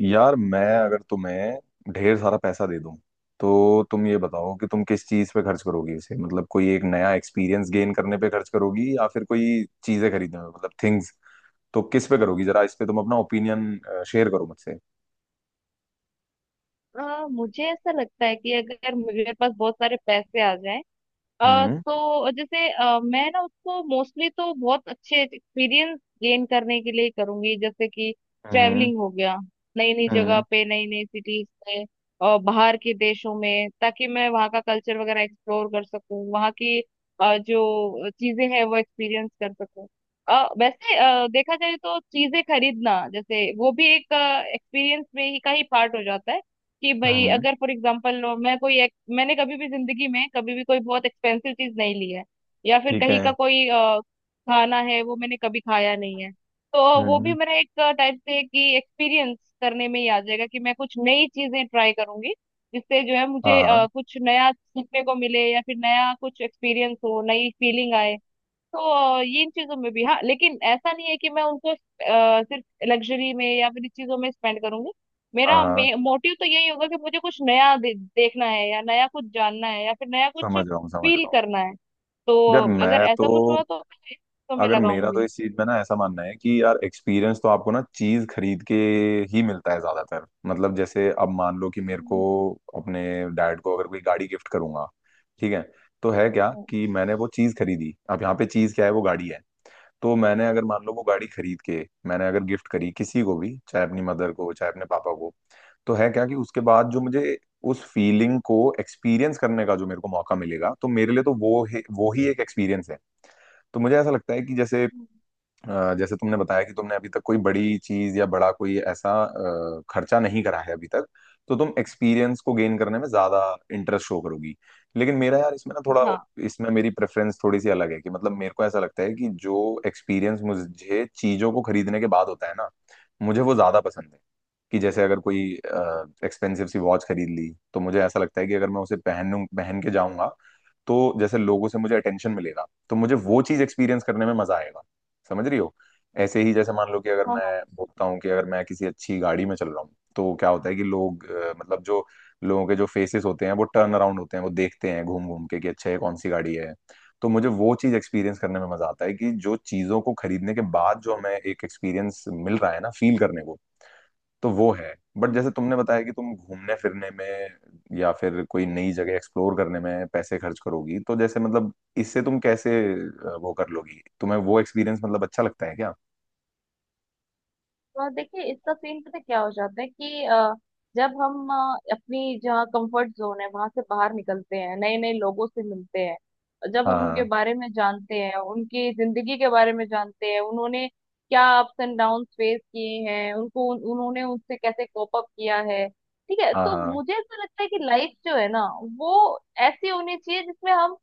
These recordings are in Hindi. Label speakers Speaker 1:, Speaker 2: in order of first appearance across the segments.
Speaker 1: यार मैं अगर तुम्हें ढेर सारा पैसा दे दूं तो तुम ये बताओ कि तुम किस चीज पे खर्च करोगी उसे मतलब कोई एक नया एक्सपीरियंस गेन करने पे खर्च करोगी या फिर कोई चीजें खरीदने में मतलब थिंग्स, तो किस पे करोगी जरा इस पे तुम अपना ओपिनियन शेयर करो मुझसे।
Speaker 2: मुझे ऐसा लगता है कि अगर मेरे पास बहुत सारे पैसे आ जाएं
Speaker 1: हम्म।
Speaker 2: तो जैसे मैं ना उसको मोस्टली तो बहुत अच्छे एक्सपीरियंस गेन करने के लिए करूंगी जैसे कि
Speaker 1: हम्म।
Speaker 2: ट्रैवलिंग हो गया। नई नई जगह
Speaker 1: हम्म।
Speaker 2: पे नई नई सिटीज पे और बाहर के देशों में ताकि मैं वहाँ का कल्चर वगैरह एक्सप्लोर कर सकूं वहाँ की जो चीजें हैं वो एक्सपीरियंस कर सकूं। वैसे देखा जाए तो चीजें खरीदना जैसे वो भी एक एक्सपीरियंस में ही का ही पार्ट हो जाता है। कि भाई
Speaker 1: हम्म।
Speaker 2: अगर फॉर एग्जाम्पल लो मैं कोई मैंने कभी भी जिंदगी में कभी भी कोई बहुत एक्सपेंसिव चीज नहीं ली है। या फिर
Speaker 1: ठीक है।
Speaker 2: कहीं का कोई खाना है वो मैंने कभी खाया नहीं है। तो वो भी
Speaker 1: हम्म।
Speaker 2: मेरा एक टाइप से कि एक्सपीरियंस करने में ही आ जाएगा कि मैं कुछ नई चीजें ट्राई करूंगी जिससे जो है
Speaker 1: हाँ
Speaker 2: मुझे
Speaker 1: हाँ।
Speaker 2: कुछ नया सीखने को मिले या फिर नया कुछ एक्सपीरियंस हो नई फीलिंग आए। तो ये इन चीजों में भी हाँ, लेकिन ऐसा नहीं है कि मैं उनको सिर्फ लग्जरी में या फिर इस चीजों में स्पेंड करूंगी।
Speaker 1: हाँ
Speaker 2: मेरा
Speaker 1: हाँ,
Speaker 2: मोटिव तो यही होगा कि मुझे कुछ नया देखना है या नया कुछ जानना है या फिर नया कुछ
Speaker 1: समझ रहा हूँ समझ
Speaker 2: फील
Speaker 1: रहा हूँ।
Speaker 2: करना है।
Speaker 1: यार
Speaker 2: तो अगर
Speaker 1: मैं तो
Speaker 2: ऐसा कुछ हुआ तो मैं इसको में
Speaker 1: अगर मेरा तो
Speaker 2: लगाऊंगी।
Speaker 1: इस चीज में ना ऐसा मानना है कि यार एक्सपीरियंस तो आपको ना चीज खरीद के ही मिलता है ज्यादातर। मतलब जैसे अब मान लो कि मेरे को
Speaker 2: हम्म,
Speaker 1: अपने डैड को अगर कोई गाड़ी गिफ्ट करूंगा, ठीक है, तो है क्या
Speaker 2: हम्म,
Speaker 1: कि मैंने वो चीज खरीदी। अब यहाँ पे चीज क्या है, वो गाड़ी है। तो मैंने अगर मान लो वो गाड़ी खरीद के मैंने अगर गिफ्ट करी किसी को भी, चाहे अपनी मदर को चाहे अपने पापा को, तो है क्या कि उसके बाद जो मुझे उस फीलिंग को एक्सपीरियंस करने का जो मेरे को मौका मिलेगा तो मेरे लिए तो वो ही एक एक्सपीरियंस है। तो मुझे ऐसा लगता है कि जैसे
Speaker 2: हम्म।
Speaker 1: जैसे तुमने बताया कि तुमने अभी तक कोई बड़ी चीज या बड़ा कोई ऐसा खर्चा नहीं करा है अभी तक, तो तुम एक्सपीरियंस को गेन करने में ज्यादा इंटरेस्ट शो करोगी। लेकिन मेरा यार इसमें ना थोड़ा
Speaker 2: हाँ,
Speaker 1: इसमें मेरी प्रेफरेंस थोड़ी सी अलग है कि मतलब मेरे को ऐसा लगता है कि जो एक्सपीरियंस मुझे चीजों को खरीदने के बाद होता है ना, मुझे वो ज्यादा पसंद है। कि जैसे अगर कोई एक्सपेंसिव सी वॉच खरीद ली तो मुझे ऐसा लगता है कि अगर मैं उसे पहन के जाऊंगा तो जैसे लोगों से मुझे अटेंशन मिलेगा, तो मुझे वो चीज एक्सपीरियंस करने में मजा आएगा। समझ रही हो। ऐसे ही जैसे मान लो कि अगर
Speaker 2: हाँ,
Speaker 1: मैं बोलता हूँ कि अगर मैं किसी अच्छी गाड़ी में चल रहा हूँ तो क्या होता है कि लोग मतलब जो लोगों के जो फेसेस होते हैं वो टर्न अराउंड होते हैं, वो देखते हैं घूम घूम के कि अच्छा ये कौन सी गाड़ी है। तो मुझे वो चीज एक्सपीरियंस करने में मजा आता है कि जो चीजों को खरीदने के बाद जो हमें एक एक्सपीरियंस मिल रहा है ना फील करने को। तो वो है, बट
Speaker 2: हाँ।
Speaker 1: जैसे तुमने बताया कि तुम घूमने फिरने में या फिर कोई नई जगह एक्सप्लोर करने में पैसे खर्च करोगी, तो जैसे मतलब इससे तुम कैसे वो कर लोगी, तुम्हें वो एक्सपीरियंस मतलब अच्छा लगता है क्या?
Speaker 2: और देखिए इसका सीन पता क्या हो जाता है कि जब हम अपनी जहाँ कंफर्ट जोन है वहां से बाहर निकलते हैं, नए नए लोगों से मिलते हैं, जब हम उनके
Speaker 1: हाँ।
Speaker 2: बारे में जानते हैं, उनकी जिंदगी के बारे में जानते हैं, उन्होंने क्या अप्स एंड डाउन फेस किए हैं उनको, उन्होंने उनसे कैसे कोप अप किया है। ठीक है,
Speaker 1: हाँ
Speaker 2: तो
Speaker 1: हाँ।
Speaker 2: मुझे ऐसा लगता है कि लाइफ जो है ना वो ऐसी होनी चाहिए जिसमें हम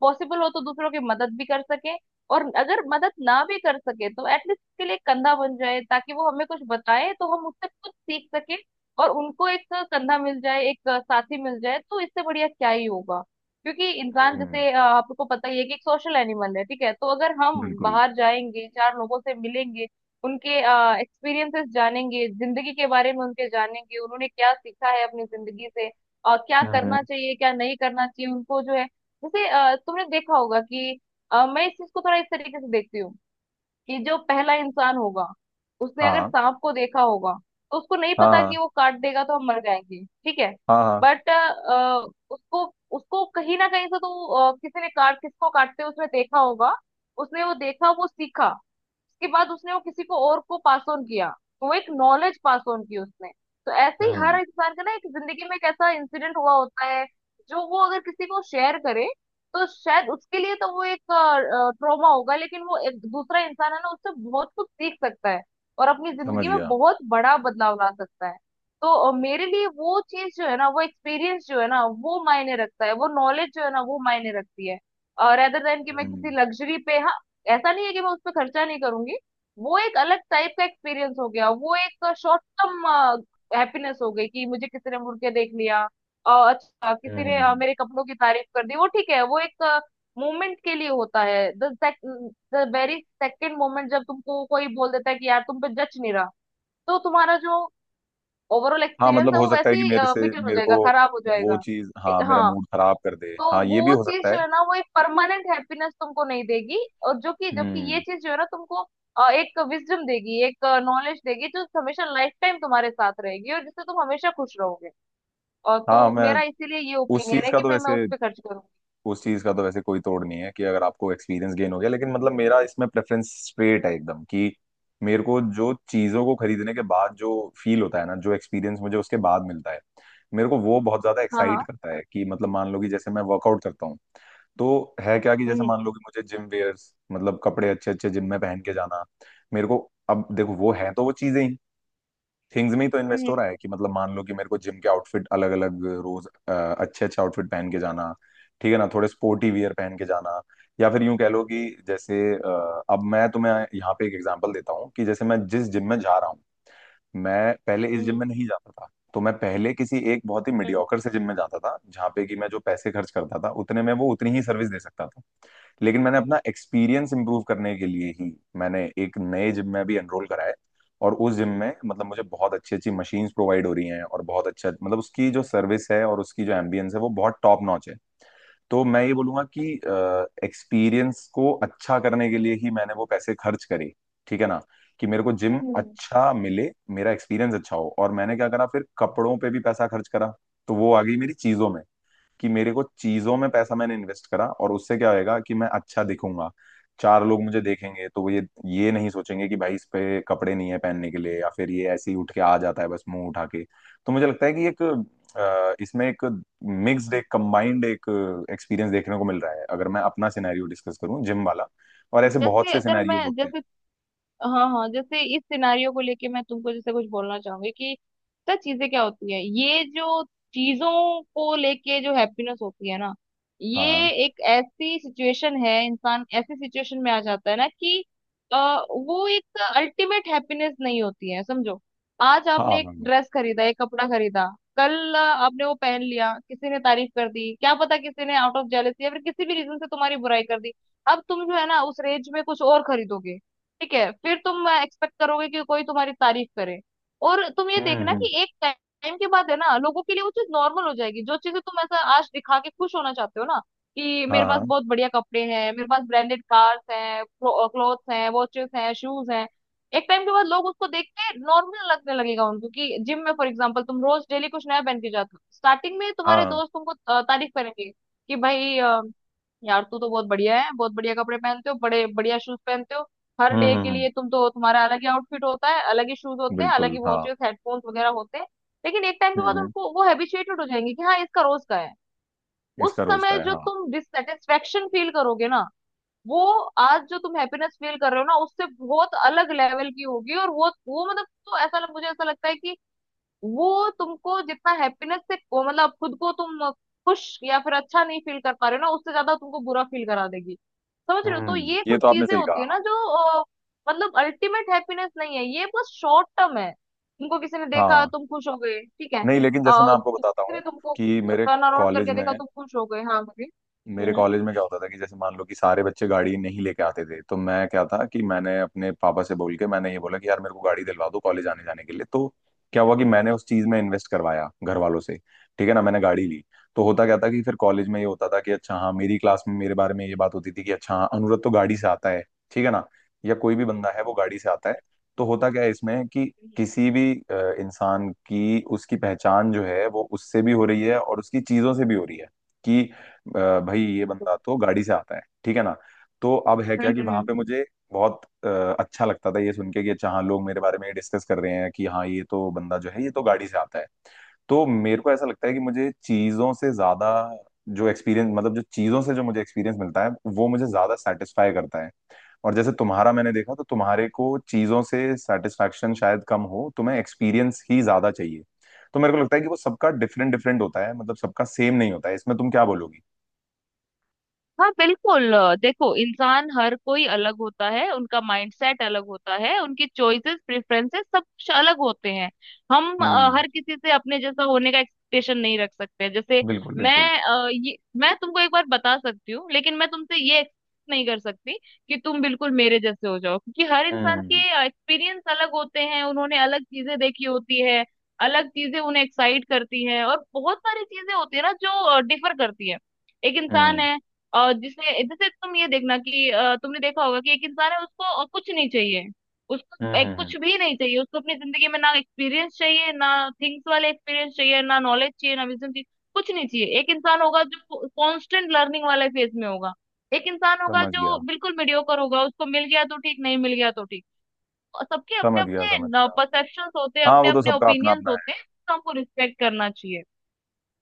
Speaker 2: पॉसिबल हो तो दूसरों की मदद भी कर सकें। और अगर मदद ना भी कर सके तो एटलीस्ट के लिए कंधा बन जाए ताकि वो हमें कुछ बताए तो हम उससे कुछ सीख सके। और उनको एक कंधा मिल जाए, एक साथी मिल जाए, तो इससे बढ़िया क्या ही होगा। क्योंकि इंसान
Speaker 1: हम्म।
Speaker 2: जैसे आपको पता ही है कि एक सोशल एनिमल है। ठीक है, तो अगर हम
Speaker 1: बिल्कुल।
Speaker 2: बाहर जाएंगे, चार लोगों से मिलेंगे, उनके एक्सपीरियंसेस जानेंगे, जिंदगी के बारे में उनके जानेंगे, उन्होंने क्या सीखा है अपनी जिंदगी से, क्या करना
Speaker 1: हम्म।
Speaker 2: चाहिए क्या नहीं करना चाहिए उनको जो है। जैसे तुमने देखा होगा कि मैं इस चीज को थोड़ा इस तरीके से देखती हूँ। कि जो पहला इंसान होगा, उसने अगर
Speaker 1: हाँ
Speaker 2: सांप को देखा होगा, तो उसको नहीं पता
Speaker 1: हाँ।
Speaker 2: कि वो काट देगा तो हम मर जाएंगे। ठीक है।
Speaker 1: हाँ हाँ।
Speaker 2: बट उसको उसको कहीं ना कहीं से तो किसी ने काट किसको काटते हुए उसने देखा होगा। उसने वो देखा वो सीखा। उसके बाद उसने वो किसी को और को पास ऑन किया। तो वो एक नॉलेज पास ऑन की उसने। तो ऐसे ही हर
Speaker 1: हम्म।
Speaker 2: इंसान का ना एक जिंदगी में एक ऐसा इंसिडेंट हुआ होता है जो वो अगर किसी को शेयर करे तो शायद उसके लिए तो वो एक ट्रॉमा होगा, लेकिन वो एक दूसरा इंसान है ना उससे बहुत कुछ सीख सकता है और अपनी
Speaker 1: समझ
Speaker 2: जिंदगी में
Speaker 1: गया।
Speaker 2: बहुत बड़ा बदलाव ला सकता है। तो मेरे लिए वो चीज जो है ना, वो एक्सपीरियंस जो है ना वो मायने रखता है, वो नॉलेज जो है ना वो मायने रखती है, रेदर देन कि मैं किसी
Speaker 1: हम्म।
Speaker 2: लग्जरी पे। हाँ, ऐसा नहीं है कि मैं उस पर खर्चा नहीं करूंगी। वो एक अलग टाइप का एक्सपीरियंस हो गया। वो एक शॉर्ट टर्म हैप्पीनेस हो गई कि मुझे किसी ने मुड़ के देख लिया, और अच्छा किसी ने
Speaker 1: हम्म।
Speaker 2: मेरे कपड़ों की तारीफ कर दी। वो ठीक है, वो एक मोमेंट के लिए होता है। The the very second moment जब तुमको कोई बोल देता है कि यार तुम पे जच नहीं रहा, तो तुम्हारा जो ओवरऑल
Speaker 1: हाँ
Speaker 2: एक्सपीरियंस
Speaker 1: मतलब
Speaker 2: है
Speaker 1: हो
Speaker 2: वो
Speaker 1: सकता है
Speaker 2: वैसे
Speaker 1: कि
Speaker 2: ही बिटन हो
Speaker 1: मेरे को
Speaker 2: जाएगा, खराब हो
Speaker 1: वो
Speaker 2: जाएगा।
Speaker 1: चीज, हाँ, मेरा
Speaker 2: हाँ।
Speaker 1: मूड खराब कर दे,
Speaker 2: तो
Speaker 1: हाँ ये भी
Speaker 2: वो
Speaker 1: हो
Speaker 2: चीज
Speaker 1: सकता है।
Speaker 2: जो है ना वो एक परमानेंट हैप्पीनेस तुमको नहीं देगी। और जो कि जबकि ये
Speaker 1: हम्म।
Speaker 2: चीज जो है ना तुमको एक विजडम देगी, एक नॉलेज देगी, जो हमेशा लाइफ टाइम तुम्हारे साथ रहेगी और जिससे तुम हमेशा खुश रहोगे। और
Speaker 1: हाँ।
Speaker 2: तो
Speaker 1: मैं
Speaker 2: मेरा इसीलिए ये
Speaker 1: उस
Speaker 2: ओपिनियन
Speaker 1: चीज
Speaker 2: है
Speaker 1: का
Speaker 2: कि
Speaker 1: तो
Speaker 2: भाई मैं उस
Speaker 1: वैसे
Speaker 2: पे खर्च करूंगी।
Speaker 1: उस चीज का तो वैसे कोई तोड़ नहीं है कि अगर आपको एक्सपीरियंस गेन हो गया, लेकिन मतलब मेरा इसमें प्रेफरेंस स्ट्रेट है एकदम कि मेरे को जो चीजों को खरीदने के बाद जो फील होता है ना, जो एक्सपीरियंस मुझे उसके बाद मिलता है, मेरे को वो बहुत ज्यादा
Speaker 2: हाँ,
Speaker 1: एक्साइट
Speaker 2: हाँ।
Speaker 1: करता है। कि मतलब मान लो कि जैसे मैं वर्कआउट करता हूँ, तो है क्या कि जैसे
Speaker 2: हम्म,
Speaker 1: मान लो कि मुझे जिम वेयर्स मतलब कपड़े अच्छे अच्छे जिम में पहन के जाना मेरे को। अब देखो वो है तो वो चीजें ही, थिंग्स में ही तो इन्वेस्ट
Speaker 2: हम्म,
Speaker 1: हो रहा है कि मतलब मान लो कि मेरे को जिम के आउटफिट अलग अलग रोज अच्छे अच्छे आउटफिट पहन के जाना। ठीक है ना, थोड़े स्पोर्टी वियर पहन के जाना। या फिर यूं कह लो कि जैसे अब मैं तुम्हें यहाँ पे एक एग्जांपल देता हूँ कि जैसे मैं जिस जिम में जा रहा हूँ, मैं पहले इस
Speaker 2: हम्म, हम्म,
Speaker 1: जिम में नहीं जाता था। तो मैं पहले किसी एक बहुत ही
Speaker 2: हम्म,
Speaker 1: मीडियोकर से जिम में जाता था, जहाँ पे कि मैं जो पैसे खर्च करता था उतने में वो उतनी ही सर्विस दे सकता था। लेकिन मैंने अपना एक्सपीरियंस इंप्रूव करने के लिए ही मैंने एक नए जिम में भी एनरोल करा है। और उस जिम में मतलब मुझे बहुत अच्छी अच्छी मशीन्स प्रोवाइड हो रही हैं, और बहुत अच्छा मतलब उसकी जो सर्विस है और उसकी जो एम्बियंस है वो बहुत टॉप नॉच है। तो मैं ये बोलूंगा कि एक्सपीरियंस को अच्छा करने के लिए ही मैंने वो पैसे खर्च करे। ठीक है ना, कि मेरे को जिम
Speaker 2: हम्म,
Speaker 1: अच्छा मिले, मेरा एक्सपीरियंस अच्छा हो, और मैंने क्या करा फिर कपड़ों पे भी पैसा खर्च करा। तो वो आ गई मेरी चीजों में कि मेरे को चीजों में
Speaker 2: हम्म,
Speaker 1: पैसा मैंने इन्वेस्ट करा, और उससे क्या होएगा कि मैं अच्छा दिखूंगा। चार लोग मुझे देखेंगे तो वो ये नहीं सोचेंगे कि भाई इस पे कपड़े नहीं है पहनने के लिए, या फिर ये ऐसे ही उठ के आ जाता है बस मुंह उठा के। तो मुझे लगता है कि एक इसमें एक मिक्स्ड एक कंबाइंड एक एक्सपीरियंस देखने को मिल रहा है अगर मैं अपना सिनेरियो डिस्कस करूं जिम वाला। और
Speaker 2: हम्म।
Speaker 1: ऐसे बहुत
Speaker 2: जैसे
Speaker 1: से
Speaker 2: अगर
Speaker 1: सिनेरियोज
Speaker 2: मैं
Speaker 1: होते हैं।
Speaker 2: जैसे, हाँ हाँ, जैसे इस सिनारियो को लेके मैं तुमको जैसे कुछ बोलना चाहूंगी कि सर चीजें क्या होती है, ये जो चीजों को लेके जो हैप्पीनेस होती है ना,
Speaker 1: हाँ
Speaker 2: ये एक ऐसी सिचुएशन है, इंसान ऐसी सिचुएशन में आ जाता है ना कि अ, वो एक अल्टीमेट हैप्पीनेस नहीं होती है समझो। आज
Speaker 1: हाँ।
Speaker 2: आपने
Speaker 1: हाँ
Speaker 2: एक
Speaker 1: हाँ।
Speaker 2: ड्रेस खरीदा, एक कपड़ा खरीदा, कल आपने वो पहन लिया, किसी ने तारीफ कर दी, क्या पता किसी ने आउट ऑफ जेलसी या फिर किसी भी रीजन से तुम्हारी बुराई कर दी। अब तुम जो है ना उस रेंज में कुछ और खरीदोगे। ठीक है, फिर तुम एक्सपेक्ट करोगे कि कोई तुम्हारी तारीफ करे। और तुम ये
Speaker 1: हम्म।
Speaker 2: देखना
Speaker 1: हम्म।
Speaker 2: कि एक टाइम के बाद है ना लोगों के लिए वो चीज नॉर्मल हो जाएगी, जो चीजें तुम ऐसा आज दिखा के खुश होना चाहते हो ना, कि
Speaker 1: हाँ
Speaker 2: मेरे पास
Speaker 1: हाँ।
Speaker 2: बहुत बढ़िया कपड़े हैं, मेरे पास ब्रांडेड कार्स हैं, क्लोथ्स हैं, वॉचेस हैं, शूज हैं। एक टाइम के बाद लोग उसको देख के नॉर्मल लगने लगेगा उनको, कि जिम में फॉर एग्जांपल तुम रोज डेली कुछ नया पहन के जाते हो, स्टार्टिंग में तुम्हारे
Speaker 1: हाँ।
Speaker 2: दोस्त तुमको तारीफ करेंगे कि भाई यार तू तो बहुत बढ़िया है, बहुत बढ़िया कपड़े पहनते हो, बड़े बढ़िया शूज पहनते हो। हर
Speaker 1: हम्म।
Speaker 2: डे
Speaker 1: हम्म।
Speaker 2: के लिए तुम तो तुम्हारा अलग ही आउटफिट होता है, अलग ही शूज होते हैं, अलग
Speaker 1: बिल्कुल
Speaker 2: ही
Speaker 1: हाँ।
Speaker 2: वॉचेस हेडफोन्स वगैरह होते हैं। लेकिन एक टाइम के
Speaker 1: हम्म।
Speaker 2: बाद
Speaker 1: हम्म।
Speaker 2: उनको वो हैबिचुएटेड हो जाएंगे कि हाँ इसका रोज का है। उस
Speaker 1: इसका रोज का
Speaker 2: समय
Speaker 1: है
Speaker 2: जो
Speaker 1: हाँ।
Speaker 2: तुम डिससेटिस्फेक्शन फील करोगे ना वो आज जो तुम हैप्पीनेस फील कर रहे हो ना उससे बहुत अलग लेवल की होगी, और वो मतलब तो ऐसा मुझे ऐसा लगता है कि वो तुमको जितना हैप्पीनेस से वो मतलब खुद को तुम खुश या फिर अच्छा नहीं फील कर पा रहे हो ना उससे ज्यादा तुमको बुरा फील करा देगी। समझ रहे हो, तो
Speaker 1: हम्म।
Speaker 2: ये
Speaker 1: ये
Speaker 2: कुछ
Speaker 1: तो आपने
Speaker 2: चीजें
Speaker 1: सही
Speaker 2: होती है
Speaker 1: कहा।
Speaker 2: ना जो अ, मतलब अल्टीमेट हैप्पीनेस नहीं है ये, बस शॉर्ट टर्म है। तुमको किसी ने देखा
Speaker 1: हाँ,
Speaker 2: तुम खुश हो गए, ठीक है,
Speaker 1: नहीं लेकिन जैसे मैं
Speaker 2: और
Speaker 1: आपको बताता
Speaker 2: किसी
Speaker 1: हूँ
Speaker 2: ने तुमको
Speaker 1: कि
Speaker 2: टर्न अराउंड
Speaker 1: कॉलेज
Speaker 2: करके
Speaker 1: में
Speaker 2: देखा तुम खुश हो गए। हाँ बोलिए।
Speaker 1: मेरे
Speaker 2: हम्म,
Speaker 1: कॉलेज में क्या होता था कि जैसे मान लो कि सारे बच्चे गाड़ी नहीं लेके आते थे, तो मैं क्या था कि मैंने अपने पापा से बोल के मैंने ये बोला कि यार मेरे को गाड़ी दिलवा दो कॉलेज आने जाने के लिए। तो क्या हुआ कि मैंने उस चीज में इन्वेस्ट करवाया घर वालों से। ठीक है ना, मैंने गाड़ी ली। तो होता क्या था कि फिर कॉलेज में ये होता था कि अच्छा हाँ मेरी क्लास में मेरे बारे में ये बात होती थी कि अच्छा हाँ, अनुरत तो गाड़ी से आता है। ठीक है ना। या कोई भी बंदा है वो गाड़ी से आता है। तो होता क्या है इसमें कि
Speaker 2: हम्म,
Speaker 1: किसी भी इंसान की उसकी पहचान जो है वो उससे भी हो रही है और उसकी चीजों से भी हो रही है। कि भाई ये बंदा तो गाड़ी से आता है, ठीक है ना। तो अब है क्या
Speaker 2: हम्म,
Speaker 1: कि वहां
Speaker 2: हम्म।
Speaker 1: पे मुझे बहुत अच्छा लगता था ये सुन के कि अच्छा हाँ लोग मेरे बारे में डिस्कस कर रहे हैं कि हाँ ये तो बंदा जो है ये तो गाड़ी से आता है। तो मेरे को ऐसा लगता है कि मुझे चीजों से ज्यादा जो एक्सपीरियंस मतलब जो चीजों से जो मुझे एक्सपीरियंस मिलता है वो मुझे ज्यादा सेटिस्फाई करता है। और जैसे तुम्हारा मैंने देखा तो तुम्हारे को चीजों से सेटिस्फेक्शन शायद कम हो, तुम्हें एक्सपीरियंस ही ज्यादा चाहिए। तो मेरे को लगता है कि वो सबका डिफरेंट डिफरेंट होता है, मतलब सबका सेम नहीं होता है। इसमें तुम क्या बोलोगी?
Speaker 2: हाँ बिल्कुल, देखो इंसान हर कोई अलग होता है, उनका माइंडसेट अलग होता है, उनकी चॉइसेस प्रेफरेंसेस सब कुछ अलग होते हैं। हम
Speaker 1: हम्म।
Speaker 2: हर किसी से अपने जैसा होने का एक्सपेक्टेशन नहीं रख सकते, जैसे
Speaker 1: बिल्कुल
Speaker 2: मैं
Speaker 1: बिल्कुल।
Speaker 2: ये मैं तुमको एक बार बता सकती हूँ लेकिन मैं तुमसे ये एक्सपेक्ट नहीं कर सकती कि तुम बिल्कुल मेरे जैसे हो जाओ, क्योंकि हर इंसान के
Speaker 1: हम्म।
Speaker 2: एक्सपीरियंस अलग होते हैं, उन्होंने अलग चीजें देखी होती है। अलग चीजें उन्हें एक्साइट करती है, और बहुत सारी चीजें होती है ना जो डिफर करती है। एक इंसान
Speaker 1: हम्म।
Speaker 2: है, और जिसने जैसे तुम ये देखना कि तुमने देखा होगा कि एक इंसान है उसको और कुछ नहीं चाहिए।
Speaker 1: हम्म।
Speaker 2: उसको एक कुछ भी नहीं चाहिए, उसको अपनी जिंदगी में ना एक्सपीरियंस चाहिए, ना थिंग्स वाले एक्सपीरियंस चाहिए, ना नॉलेज चाहिए, ना विजन चाहिए, कुछ नहीं चाहिए। एक इंसान होगा जो कांस्टेंट लर्निंग वाले फेज में होगा, एक इंसान होगा
Speaker 1: समझ गया
Speaker 2: जो बिल्कुल मीडियोकर होगा, उसको मिल गया तो ठीक, नहीं मिल गया तो ठीक। और सबके अपने
Speaker 1: समझ गया समझ
Speaker 2: अपने
Speaker 1: गया।
Speaker 2: परसेप्शंस होते हैं,
Speaker 1: हाँ,
Speaker 2: अपने
Speaker 1: वो तो
Speaker 2: अपने
Speaker 1: सबका अपना
Speaker 2: ओपिनियंस
Speaker 1: अपना
Speaker 2: होते
Speaker 1: है।
Speaker 2: हैं, तो हमको रिस्पेक्ट करना चाहिए।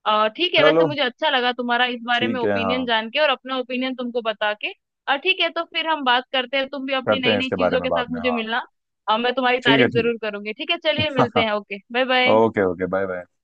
Speaker 2: ठीक है, वैसे
Speaker 1: चलो
Speaker 2: मुझे अच्छा लगा तुम्हारा इस बारे में
Speaker 1: ठीक है
Speaker 2: ओपिनियन
Speaker 1: हाँ।
Speaker 2: जान के और अपना ओपिनियन तुमको बता के। ठीक है, तो फिर हम बात करते हैं, तुम भी अपनी
Speaker 1: करते
Speaker 2: नई
Speaker 1: हैं
Speaker 2: नई
Speaker 1: इसके बारे
Speaker 2: चीजों
Speaker 1: में
Speaker 2: के
Speaker 1: बाद
Speaker 2: साथ
Speaker 1: में
Speaker 2: मुझे
Speaker 1: हाँ।
Speaker 2: मिलना। मैं तुम्हारी
Speaker 1: ठीक है।
Speaker 2: तारीफ
Speaker 1: ठीक
Speaker 2: जरूर करूंगी। ठीक है, चलिए
Speaker 1: है।
Speaker 2: मिलते हैं, okay bye bye.
Speaker 1: Okay okay. Bye bye.